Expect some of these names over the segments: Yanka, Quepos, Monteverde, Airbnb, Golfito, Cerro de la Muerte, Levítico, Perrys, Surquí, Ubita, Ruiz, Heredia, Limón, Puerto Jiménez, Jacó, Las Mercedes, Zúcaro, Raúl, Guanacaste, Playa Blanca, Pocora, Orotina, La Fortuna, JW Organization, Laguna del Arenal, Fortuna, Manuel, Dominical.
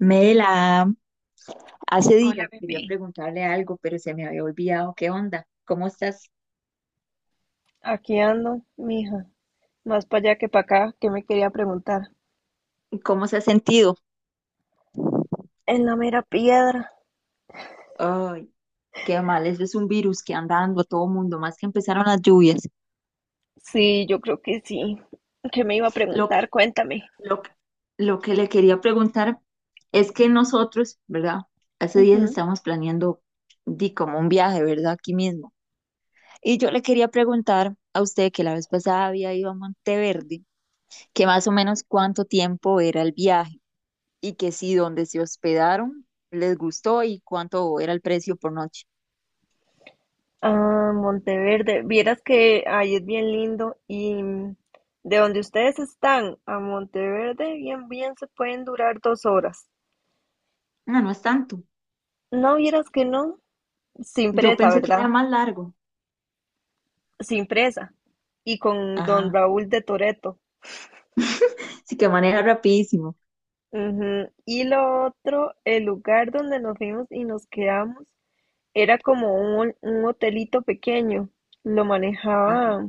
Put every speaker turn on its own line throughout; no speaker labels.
Mela, hace
Hola,
días quería
bebé.
preguntarle algo, pero se me había olvidado. ¿Qué onda? ¿Cómo estás?
Aquí ando, mija, más para allá que para acá, que me quería preguntar.
¿Cómo se ha sentido?
En la mera piedra.
Ay, qué mal, eso es un virus que anda dando a todo mundo, más que empezaron las lluvias.
Sí, yo creo que sí. ¿Qué me iba a
Lo que,
preguntar? Cuéntame.
lo que, lo que le quería preguntar es que nosotros, ¿verdad? Hace días
Ujú.
estamos planeando di como un viaje, ¿verdad? Aquí mismo. Y yo le quería preguntar a usted que la vez pasada había ido a Monteverde, que más o menos cuánto tiempo era el viaje y que sí, donde se hospedaron, les gustó y cuánto era el precio por noche.
Ah, Monteverde. Vieras que ahí es bien lindo y mm, de donde ustedes están a Monteverde, bien se pueden durar 2 horas.
No, no es tanto.
No vieras que no, sin
Yo
presa,
pensé que era
¿verdad?
más largo.
Sin presa. Y con don
Ajá,
Raúl de Toreto.
sí que maneja rapidísimo.
Ujú. Y lo otro, el lugar donde nos vimos y nos quedamos era como un hotelito pequeño. Lo manejaba
Ajá.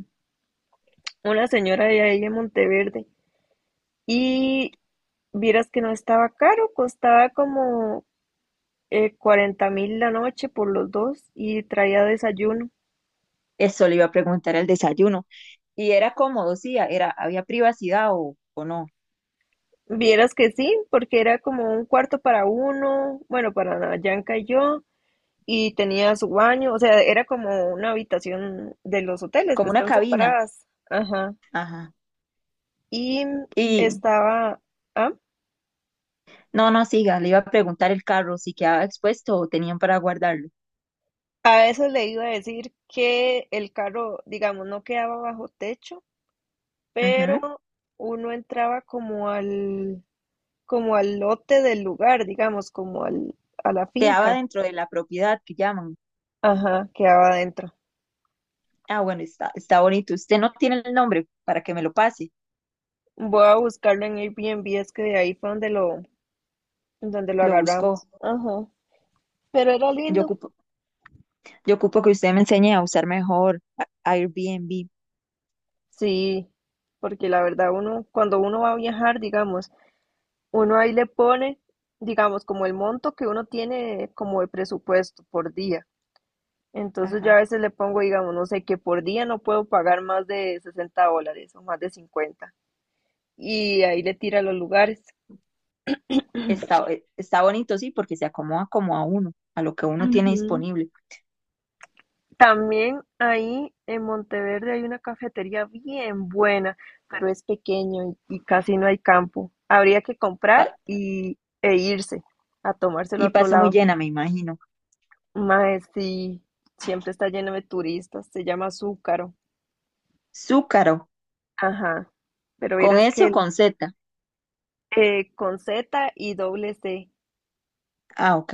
una señora de ahí de Monteverde. Y vieras que no estaba caro, costaba como 40 mil la noche por los dos y traía desayuno.
Eso le iba a preguntar el desayuno. Y era cómodo, sí, era, había privacidad o no,
Vieras que sí, porque era como un cuarto para uno, bueno, para Yanka y yo, y tenía su baño, o sea, era como una habitación de los hoteles que
como una
están
cabina.
separadas. Ajá.
Ajá.
Y
Y
estaba, ah,
no, no, siga, le iba a preguntar el carro si quedaba expuesto o tenían para guardarlo.
a eso le iba a decir que el carro, digamos, no quedaba bajo techo,
Ujú.
pero uno entraba como como al lote del lugar, digamos, a la
Quedaba
finca.
dentro de la propiedad que llaman.
Ajá, quedaba adentro.
Ah, bueno, está bonito. Usted no tiene el nombre para que me lo pase.
Voy a buscarlo en Airbnb, es que de ahí fue donde donde lo
Lo
agarramos.
buscó.
Ajá. Pero era
Yo
lindo.
ocupo, yo ocupo que usted me enseñe a usar mejor Airbnb.
Sí, porque la verdad uno, cuando uno va a viajar, digamos, uno ahí le pone, digamos, como el monto que uno tiene como de presupuesto por día. Entonces yo a
Ajá.
veces le pongo, digamos, no sé, que por día no puedo pagar más de $60 o más de 50. Y ahí le tira los lugares.
Está, está bonito, sí, porque se acomoda como a uno, a lo que uno tiene
Ujú.
disponible.
También ahí en Monteverde hay una cafetería bien buena, pero es pequeño y casi no hay campo. Habría que comprar
Pa-
y, e irse a tomárselo a
y
otro
pasa muy
lado.
llena, me imagino.
Mae, sí, siempre está lleno de turistas, se llama Zúcaro.
Zúcaro,
Ajá, pero
¿con
verás
S o
que
con Z?
con Z y doble C,
Ah, ok.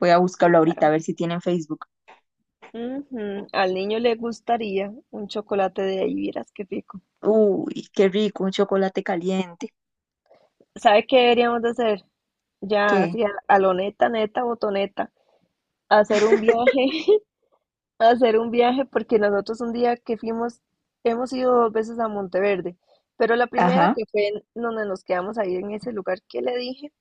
Voy a buscarlo ahorita, a
Zúcaro.
ver si tiene en Facebook.
Ujú, al niño le gustaría un chocolate de ahí, vieras qué rico.
Uy, qué rico, un chocolate caliente.
¿Sabe qué deberíamos de hacer? Ya,
¿Qué?
así a lo neta, neta, botoneta, hacer un viaje, hacer un viaje, porque nosotros un día que fuimos, hemos ido 2 veces a Monteverde, pero la primera
Ajá,
que fue en donde nos quedamos ahí en ese lugar que le dije,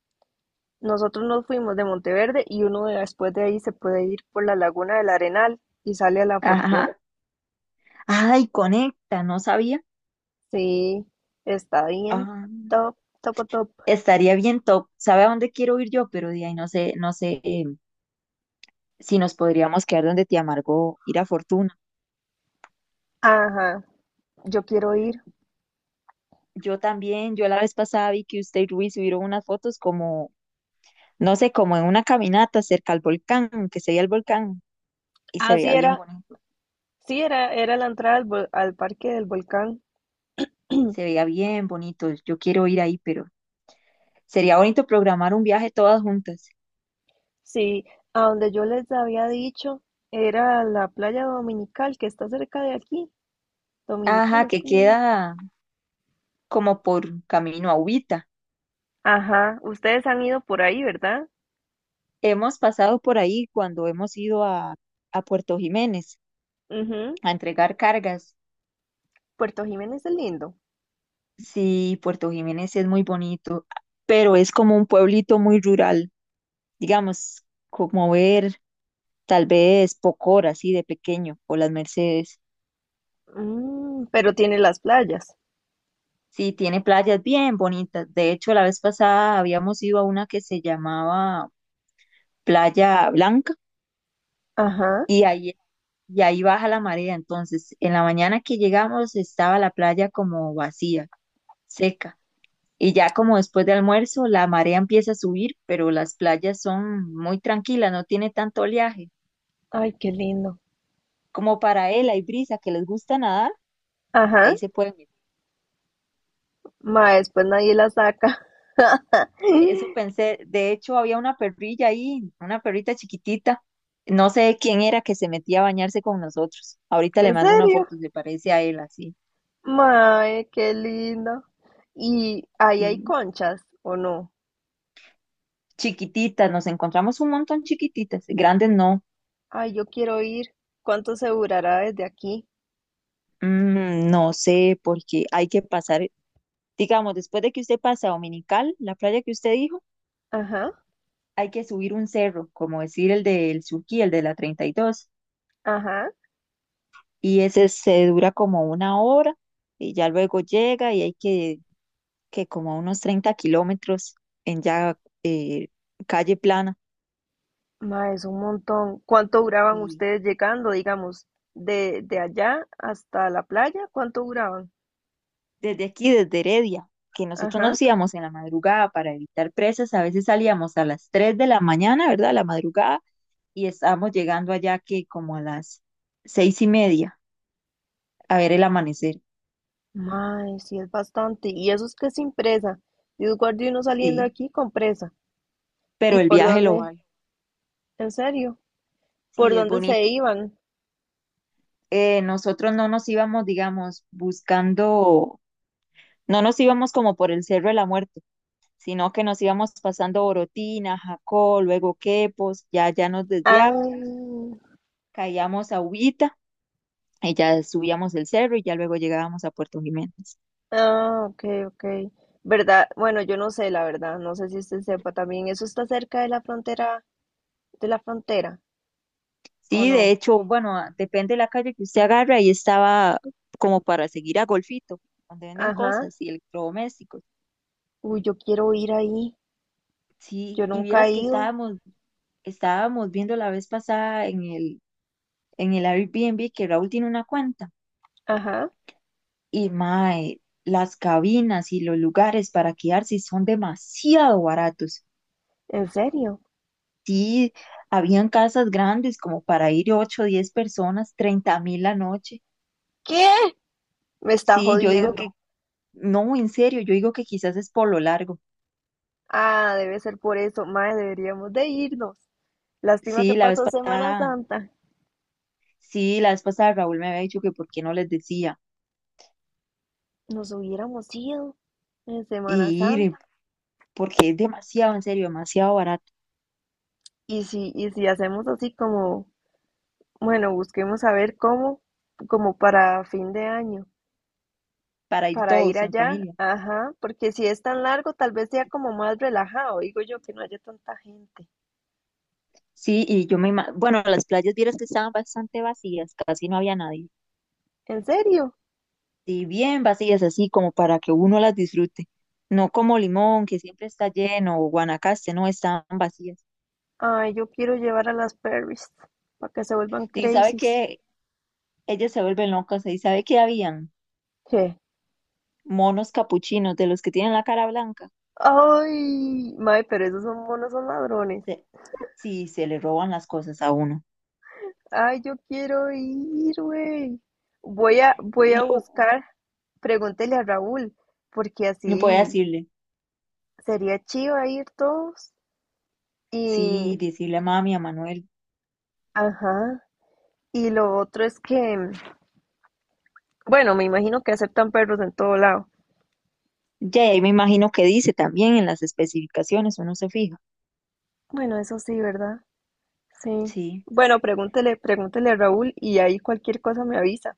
nosotros nos fuimos de Monteverde y después de ahí se puede ir por la Laguna del Arenal y sale a La Fortuna.
ajá. Ay, conecta, no sabía.
Sí, está bien,
Ah,
top, top, top.
estaría bien top. ¿Sabe a dónde quiero ir yo? Pero de ahí no sé, no sé. Si nos podríamos quedar donde te amargó ir a Fortuna.
Ajá, yo quiero ir.
Yo también, yo la vez pasada vi que usted y Ruiz subieron unas fotos como, no sé, como en una caminata cerca al volcán, que se veía el volcán y se veía
Así
bien
era.
bonito.
Sí, era la entrada al parque del volcán.
Se veía bien bonito. Yo quiero ir ahí, pero sería bonito programar un viaje todas juntas.
Sí, a donde yo les había dicho, era la playa Dominical, que está cerca de aquí. Dominical,
Ajá,
es
que
como no.
queda como por camino a Ubita.
Ajá, ustedes han ido por ahí, ¿verdad?
Hemos pasado por ahí cuando hemos ido a Puerto Jiménez
Ujú,
a entregar cargas.
Puerto Jiménez es lindo.
Sí, Puerto Jiménez es muy bonito, pero es como un pueblito muy rural, digamos, como ver tal vez Pocora, así de pequeño, o Las Mercedes.
Mm, pero tiene las playas.
Sí, tiene playas bien bonitas. De hecho, la vez pasada habíamos ido a una que se llamaba Playa Blanca
Ajá.
y ahí, y ahí baja la marea. Entonces, en la mañana que llegamos estaba la playa como vacía, seca. Y ya como después de almuerzo, la marea empieza a subir, pero las playas son muy tranquilas, no tiene tanto oleaje.
Ay, qué lindo.
Como para él hay brisa que les gusta nadar,
Ajá.
ahí se pueden meter.
Ma, después nadie la saca.
Eso pensé, de hecho había una perrilla ahí, una perrita chiquitita, no sé quién era que se metía a bañarse con nosotros. Ahorita
¿En
le mando una
serio?
foto, se parece a él así,
Mae, qué lindo. ¿Y ahí hay
sí.
conchas o no?
Chiquititas, nos encontramos un montón chiquititas, grandes no.
Ay, yo quiero ir. ¿Cuánto se durará desde aquí?
Mm, no sé, porque hay que pasar. Digamos, después de que usted pasa a Dominical, la playa que usted dijo,
Ajá,
hay que subir un cerro, como decir el del Surquí, el de la 32,
ajá.
y ese se dura como una hora y ya luego llega y hay que como unos 30 kilómetros en ya eh, calle plana.
Ma, es un montón. ¿Cuánto duraban
Y
ustedes llegando, digamos, de allá hasta la playa? ¿Cuánto duraban?
desde aquí, desde Heredia, que nosotros
Ajá.
nos íbamos en la madrugada para evitar presas, a veces salíamos a las 3 de la mañana, ¿verdad? La madrugada, y estábamos llegando allá que como a las 6:30 a ver el amanecer.
Ma, sí es bastante. Y eso es que sin presa. Yo guardé uno saliendo
Sí,
aquí con presa.
pero
¿Y
el
por
viaje lo
dónde?
vale.
¿En serio? ¿Por
Sí, es
dónde se
bonito.
iban?
Nosotros no nos íbamos, digamos, buscando, no nos íbamos como por el Cerro de la Muerte, sino que nos íbamos pasando Orotina, Jacó, luego Quepos, ya, ya nos
Ah,
desviábamos, caíamos a Ubita y ya subíamos el cerro y ya luego llegábamos a Puerto Jiménez.
ah, ok, ok. ¿Verdad? Bueno, yo no sé, la verdad. No sé si usted sepa también. Eso está cerca de la frontera, de la frontera, ¿o
Sí, de
no?
hecho, bueno, depende de la calle que usted agarre, ahí estaba como para seguir a Golfito, donde venden
Ajá.
cosas y electrodomésticos.
Uy, yo quiero ir ahí.
Sí,
Yo
y
nunca he
vieras que
ido.
estábamos. Estábamos viendo la vez pasada en el Airbnb que Raúl tiene una cuenta.
Ajá.
Y mae, las cabinas y los lugares para quedarse son demasiado baratos.
¿En serio?
Sí, habían casas grandes como para ir 8 o 10 personas, 30.000 la noche.
¿Qué? Me está
Sí, yo digo
jodiendo.
que, no, en serio, yo digo que quizás es por lo largo.
Ah, debe ser por eso. Mae, deberíamos de irnos. Lástima que
Sí, la vez
pasó Semana
pasada,
Santa.
sí, la vez pasada Raúl me había dicho que por qué no les decía
Nos hubiéramos ido en Semana
y
Santa.
ir, porque es demasiado, en serio, demasiado barato
Y si hacemos así como, bueno, busquemos a ver cómo, como para fin de año.
para ir
Para ir
todos en
allá,
familia.
ajá, porque si es tan largo, tal vez sea como más relajado, digo yo, que no haya tanta gente.
Sí, y yo me imagino, bueno, las playas vieras que estaban bastante vacías, casi no había nadie.
¿En serio?
Sí, bien vacías, así como para que uno las disfrute. No como Limón, que siempre está lleno, o Guanacaste, no, estaban vacías.
Ay, yo quiero llevar a las Perrys para que se vuelvan
Y sabe
crazies.
que ellas se vuelven locas, y sabe que habían
¿Qué?
monos capuchinos de los que tienen la cara blanca.
Ay, mae, pero esos son monos, son ladrones.
Se- Sí, se le roban las cosas a uno.
Ay, yo quiero ir, güey. Voy a
Lo-
buscar, pregúntele a Raúl, porque
No puede
así
decirle,
sería chido ir todos.
sí,
Y,
decirle a mami, a Manuel.
ajá, y lo otro es que bueno, me imagino que aceptan perros en todo lado.
Ya, y ahí me imagino que dice también en las especificaciones, uno se fija.
Bueno, eso sí, ¿verdad? Sí.
Sí.
Bueno, pregúntele, pregúntele a Raúl y ahí cualquier cosa me avisa.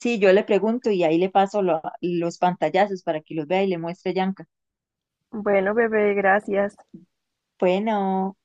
Sí, yo le pregunto y ahí le paso los pantallazos para que los vea y le muestre a Yanka.
Bueno, bebé, gracias.
Bueno.